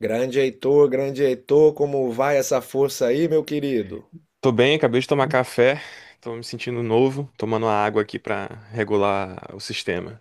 Grande Heitor, como vai essa força aí, meu querido? Tô bem, acabei de tomar café, tô me sentindo novo, tomando a água aqui pra regular o sistema.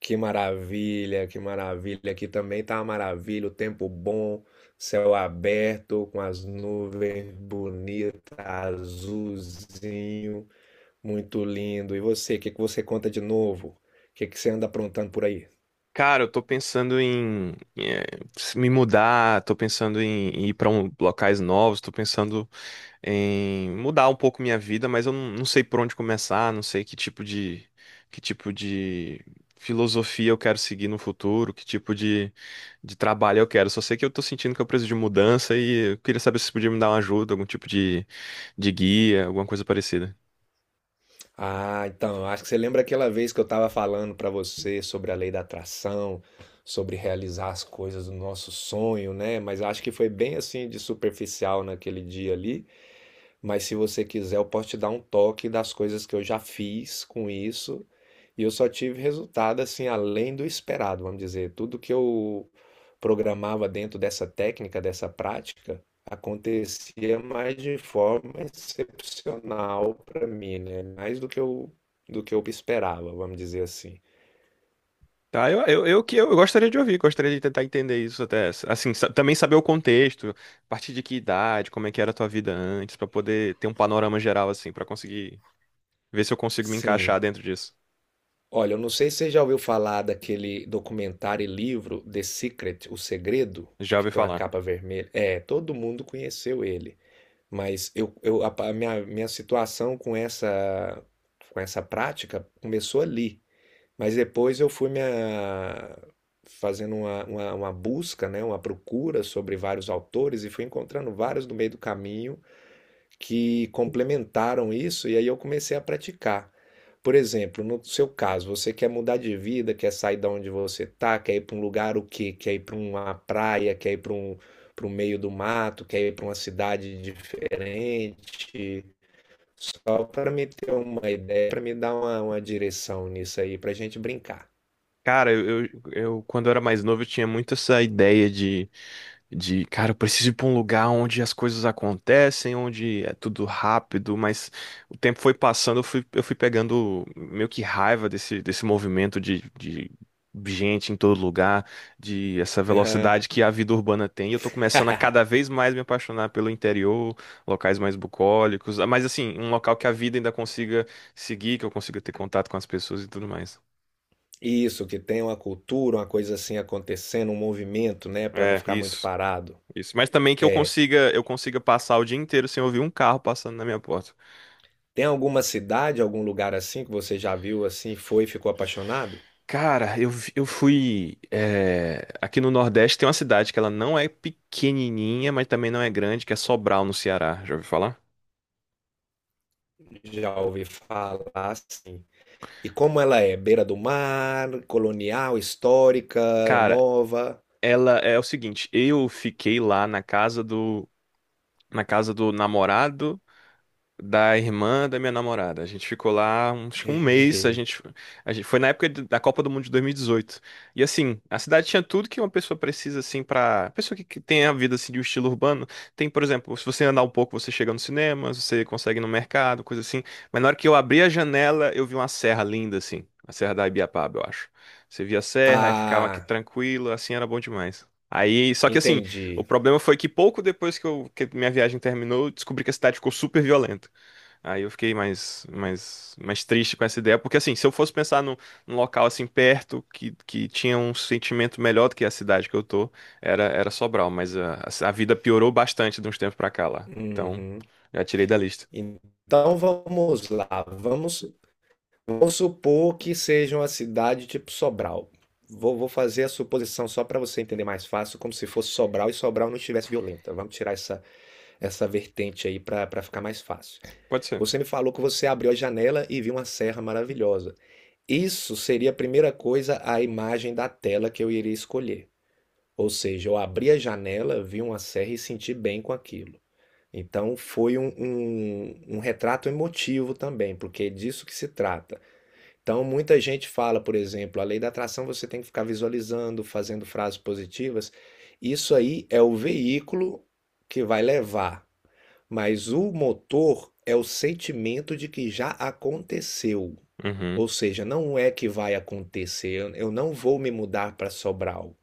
Que maravilha, que maravilha. Aqui também tá uma maravilha, o tempo bom, céu aberto, com as nuvens bonitas, azulzinho, muito lindo. E você, o que que você conta de novo? O que que você anda aprontando por aí? Cara, eu tô pensando em me mudar, tô pensando em ir pra um, locais novos, tô pensando em mudar um pouco minha vida, mas eu não sei por onde começar, não sei que tipo de filosofia eu quero seguir no futuro, que tipo de trabalho eu quero. Só sei que eu tô sentindo que eu preciso de mudança e eu queria saber se você podia me dar uma ajuda, algum tipo de guia, alguma coisa parecida. Ah, então, eu acho que você lembra aquela vez que eu estava falando para você sobre a lei da atração, sobre realizar as coisas do nosso sonho, né? Mas acho que foi bem assim de superficial naquele dia ali. Mas se você quiser, eu posso te dar um toque das coisas que eu já fiz com isso. E eu só tive resultado assim além do esperado, vamos dizer. Tudo que eu programava dentro dessa técnica, dessa prática, acontecia mais de forma excepcional para mim, né? Mais do que eu esperava, vamos dizer assim. Tá, eu que eu gostaria de ouvir, gostaria de tentar entender isso até, assim, também saber o contexto, a partir de que idade, como é que era a tua vida antes, pra poder ter um panorama geral assim, pra conseguir ver se eu consigo me Sim, encaixar dentro disso. olha, eu não sei se você já ouviu falar daquele documentário e livro The Secret, O Segredo, Já que ouvi tem uma falar. capa vermelha. É, todo mundo conheceu ele, mas a minha situação com essa prática começou ali, mas depois eu fui fazendo uma busca, né, uma procura sobre vários autores e fui encontrando vários no meio do caminho que complementaram isso e aí eu comecei a praticar. Por exemplo, no seu caso, você quer mudar de vida, quer sair da onde você tá, quer ir para um lugar o quê? Quer ir para uma praia, quer ir para um para o meio do mato, quer ir para uma cidade diferente. Só para me ter uma ideia, para me dar uma direção nisso aí, para a gente brincar. Cara, quando eu era mais novo, eu tinha muito essa ideia de, cara, eu preciso ir pra um lugar onde as coisas acontecem, onde é tudo rápido, mas o tempo foi passando, eu fui pegando meio que raiva desse, desse movimento de gente em todo lugar, de essa Aham. velocidade que a vida urbana tem. E eu tô começando a cada vez mais me apaixonar pelo interior, locais mais bucólicos, mas assim, um local que a vida ainda consiga seguir, que eu consiga ter contato com as pessoas e tudo mais. Isso, que tem uma cultura, uma coisa assim acontecendo, um movimento, né, para não É, ficar muito parado. isso. Mas também que eu consiga passar o dia inteiro sem ouvir um carro passando na minha porta. Tem alguma cidade, algum lugar assim que você já viu assim, foi e ficou apaixonado? Cara, eu fui. É, aqui no Nordeste tem uma cidade que ela não é pequenininha, mas também não é grande, que é Sobral, no Ceará. Já ouviu falar? Já ouvi falar assim. E como ela é? Beira do mar, colonial, histórica, é Cara, nova? ela é o seguinte: eu fiquei lá na casa na casa do namorado da irmã da minha namorada. A gente ficou lá uns, acho que um mês, Eita. A gente foi na época da Copa do Mundo de 2018. E dezoito. E assim, a cidade tinha tudo que uma pessoa precisa assim para, pessoa que tem a vida assim de um estilo urbano, tem, por exemplo, se você andar um pouco, você chega no cinema, você consegue ir no mercado, coisa assim. Mas na hora que eu abri a janela, eu vi uma serra linda assim, a Serra da Ibiapaba, eu acho. Você via a serra e ficava aqui Ah, tranquilo, assim era bom demais. Aí, só que assim, o entendi. problema foi que pouco depois que minha viagem terminou, eu descobri que a cidade ficou super violenta. Aí eu fiquei mais triste com essa ideia, porque assim, se eu fosse pensar num, num local assim perto que tinha um sentimento melhor do que a cidade que eu tô, era Sobral, mas a vida piorou bastante de uns tempos pra cá lá. Então, Uhum. já tirei da lista. Então vamos lá. Vamos, vamos supor que seja uma cidade tipo Sobral. Vou, vou fazer a suposição só para você entender mais fácil, como se fosse Sobral e Sobral não estivesse violenta. Vamos tirar essa essa vertente aí para pra ficar mais fácil. Pode ser. Você me falou que você abriu a janela e viu uma serra maravilhosa. Isso seria a primeira coisa, a imagem da tela que eu iria escolher. Ou seja, eu abri a janela, vi uma serra e senti bem com aquilo. Então foi um, um, um retrato emotivo também, porque é disso que se trata. Então muita gente fala, por exemplo, a lei da atração você tem que ficar visualizando, fazendo frases positivas. Isso aí é o veículo que vai levar, mas o motor é o sentimento de que já aconteceu. Uhum, Ou seja, não é que vai acontecer, eu não vou me mudar para Sobral.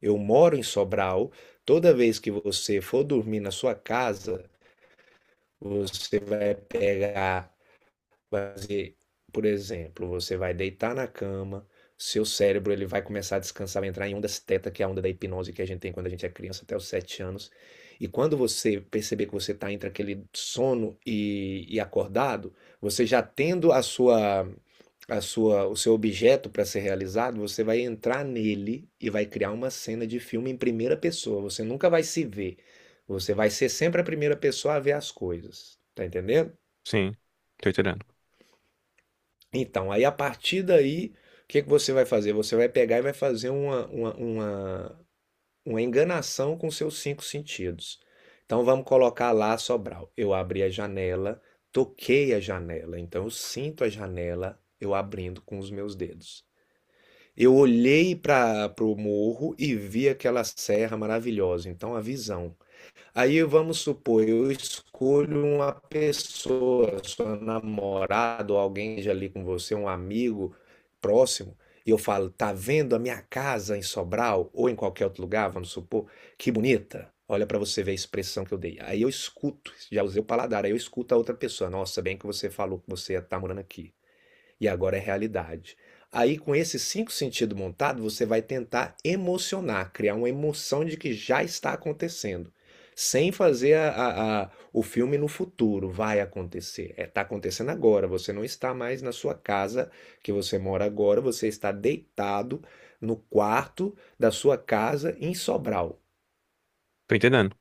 Eu moro em Sobral. Toda vez que você for dormir na sua casa, você vai pegar. Fazer, por exemplo, você vai deitar na cama, seu cérebro ele vai começar a descansar, vai entrar em ondas teta, que é a onda da hipnose que a gente tem quando a gente é criança até os 7 anos. E quando você perceber que você está entre aquele sono e, acordado, você já tendo a sua, o seu objeto para ser realizado, você vai entrar nele e vai criar uma cena de filme em primeira pessoa. Você nunca vai se ver. Você vai ser sempre a primeira pessoa a ver as coisas. Tá entendendo? sim. Tô entendendo. Então, aí a partir daí, o que que você vai fazer? Você vai pegar e vai fazer uma enganação com seus cinco sentidos. Então, vamos colocar lá Sobral. Eu abri a janela, toquei a janela. Então, eu sinto a janela eu abrindo com os meus dedos. Eu olhei para o morro e vi aquela serra maravilhosa. Então, a visão. Aí vamos supor, eu escolho uma pessoa, sua namorada ou alguém já ali com você, um amigo próximo, e eu falo, tá vendo a minha casa em Sobral ou em qualquer outro lugar, vamos supor, que bonita. Olha para você ver a expressão que eu dei. Aí eu escuto, já usei o paladar, aí eu escuto a outra pessoa. Nossa, bem que você falou que você ia estar morando aqui e agora é realidade. Aí, com esses cinco sentidos montados, você vai tentar emocionar, criar uma emoção de que já está acontecendo, sem fazer o filme no futuro, vai acontecer. Está acontecendo agora, você não está mais na sua casa que você mora agora, você está deitado no quarto da sua casa em Sobral. Tô entendendo.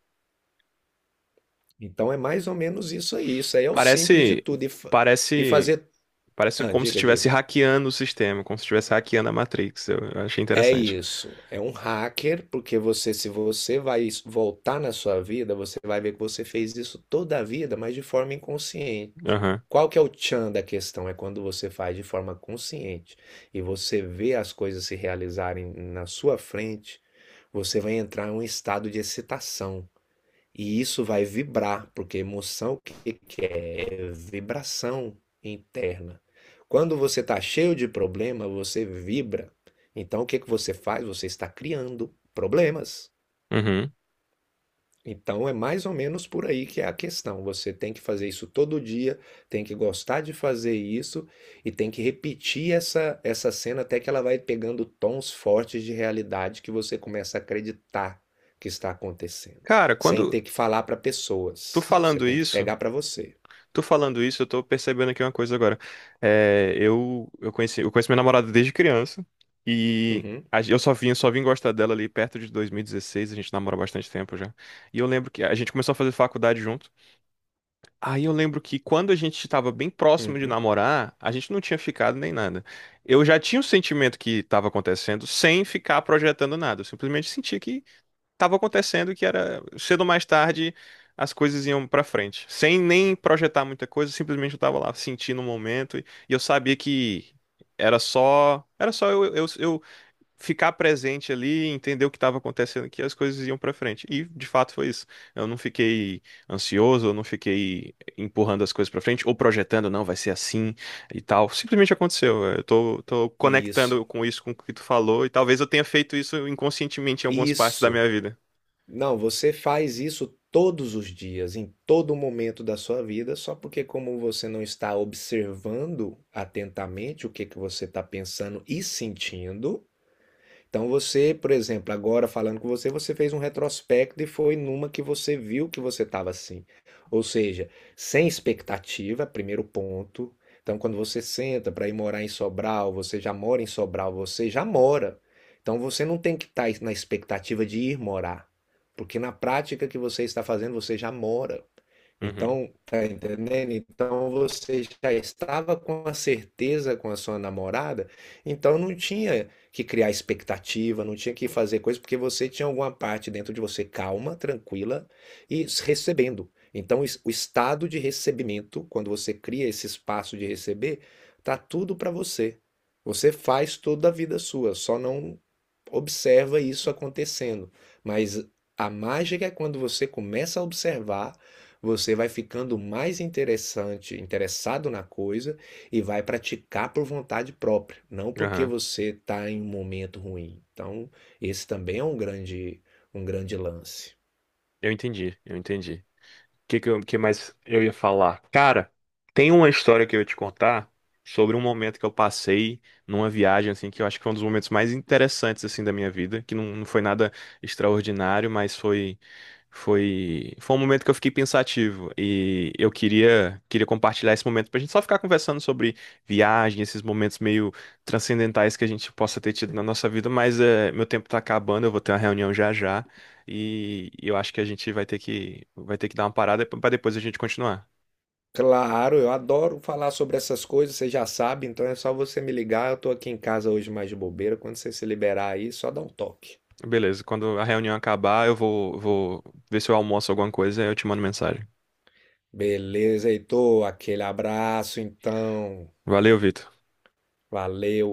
Então é mais ou menos isso aí. Isso aí é o simples de Parece, tudo. E, e parece, fazer. Parece Ah, como se diga, estivesse diga. hackeando o sistema, como se estivesse hackeando a Matrix. Eu achei É interessante. isso, é um hacker, porque você, se você vai voltar na sua vida, você vai ver que você fez isso toda a vida, mas de forma inconsciente. Aham. Qual que é o tchan da questão? É quando você faz de forma consciente e você vê as coisas se realizarem na sua frente, você vai entrar em um estado de excitação. E isso vai vibrar, porque emoção o que que é? É vibração interna. Quando você está cheio de problema, você vibra. Então o que que você faz? Você está criando problemas. Uhum. Então é mais ou menos por aí que é a questão. Você tem que fazer isso todo dia, tem que gostar de fazer isso e tem que repetir essa, essa cena até que ela vai pegando tons fortes de realidade que você começa a acreditar que está acontecendo, Cara, sem quando ter que falar para tu pessoas. Você falando tem que isso pegar para você. Tô falando isso, eu tô percebendo aqui uma coisa agora. É, eu conheço minha namorada desde criança e Uhum, a gen- eu só vim gostar dela ali perto de 2016, a gente namora há bastante tempo já. E eu lembro que a gente começou a fazer faculdade junto. Aí eu lembro que quando a gente estava bem próximo de uhum. namorar, a gente não tinha ficado nem nada. Eu já tinha o sentimento que estava acontecendo sem ficar projetando nada. Eu simplesmente sentia que estava acontecendo que era cedo ou mais tarde as coisas iam pra frente, sem nem projetar muita coisa, simplesmente eu tava lá sentindo o momento e eu sabia que era só eu ficar presente ali, e entender o que estava acontecendo, que as coisas iam pra frente. E de fato foi isso. Eu não fiquei ansioso, eu não fiquei empurrando as coisas pra frente ou projetando, não, vai ser assim e tal. Simplesmente aconteceu. Tô conectando Isso, com isso, com o que tu falou, e talvez eu tenha feito isso inconscientemente em algumas partes da isso. minha vida. Não, você faz isso todos os dias, em todo momento da sua vida, só porque como você não está observando atentamente o que que você está pensando e sentindo, então você, por exemplo, agora falando com você, você fez um retrospecto e foi numa que você viu que você estava assim. Ou seja, sem expectativa, primeiro ponto. Então, quando você senta para ir morar em Sobral, você já mora em Sobral, você já mora. Então, você não tem que estar na expectativa de ir morar, porque na prática que você está fazendo, você já mora. Uhum, Então, tá entendendo? Então você já estava com a certeza com a sua namorada, então não tinha que criar expectativa, não tinha que fazer coisa, porque você tinha alguma parte dentro de você calma, tranquila e recebendo. Então, o estado de recebimento, quando você cria esse espaço de receber, tá tudo para você. Você faz toda a vida sua, só não observa isso acontecendo. Mas a mágica é quando você começa a observar, você vai ficando mais interessante, interessado na coisa e vai praticar por vontade própria, não porque aham. você está em um momento ruim. Então, esse também é um grande lance. Eu entendi. O que, que, eu- que mais eu ia falar? Cara, tem uma história que eu ia te contar sobre um momento que eu passei numa viagem, assim, que eu acho que foi um dos momentos mais interessantes, assim, da minha vida, que não foi nada extraordinário, mas foi um momento que eu fiquei pensativo e eu queria compartilhar esse momento pra gente só ficar conversando sobre viagem, esses momentos meio transcendentais que a gente possa ter tido na nossa vida, mas é, meu tempo tá acabando, eu vou ter uma reunião já já. E eu acho que a gente vai ter que dar uma parada para depois a gente continuar. Claro, eu adoro falar sobre essas coisas, você já sabe, então é só você me ligar. Eu estou aqui em casa hoje mais de bobeira. Quando você se liberar aí, só dá um toque. Beleza, quando a reunião acabar, vou ver se eu almoço alguma coisa e eu te mando mensagem. Beleza, Heitor? Aquele abraço, então. Valeu, Vitor. Valeu.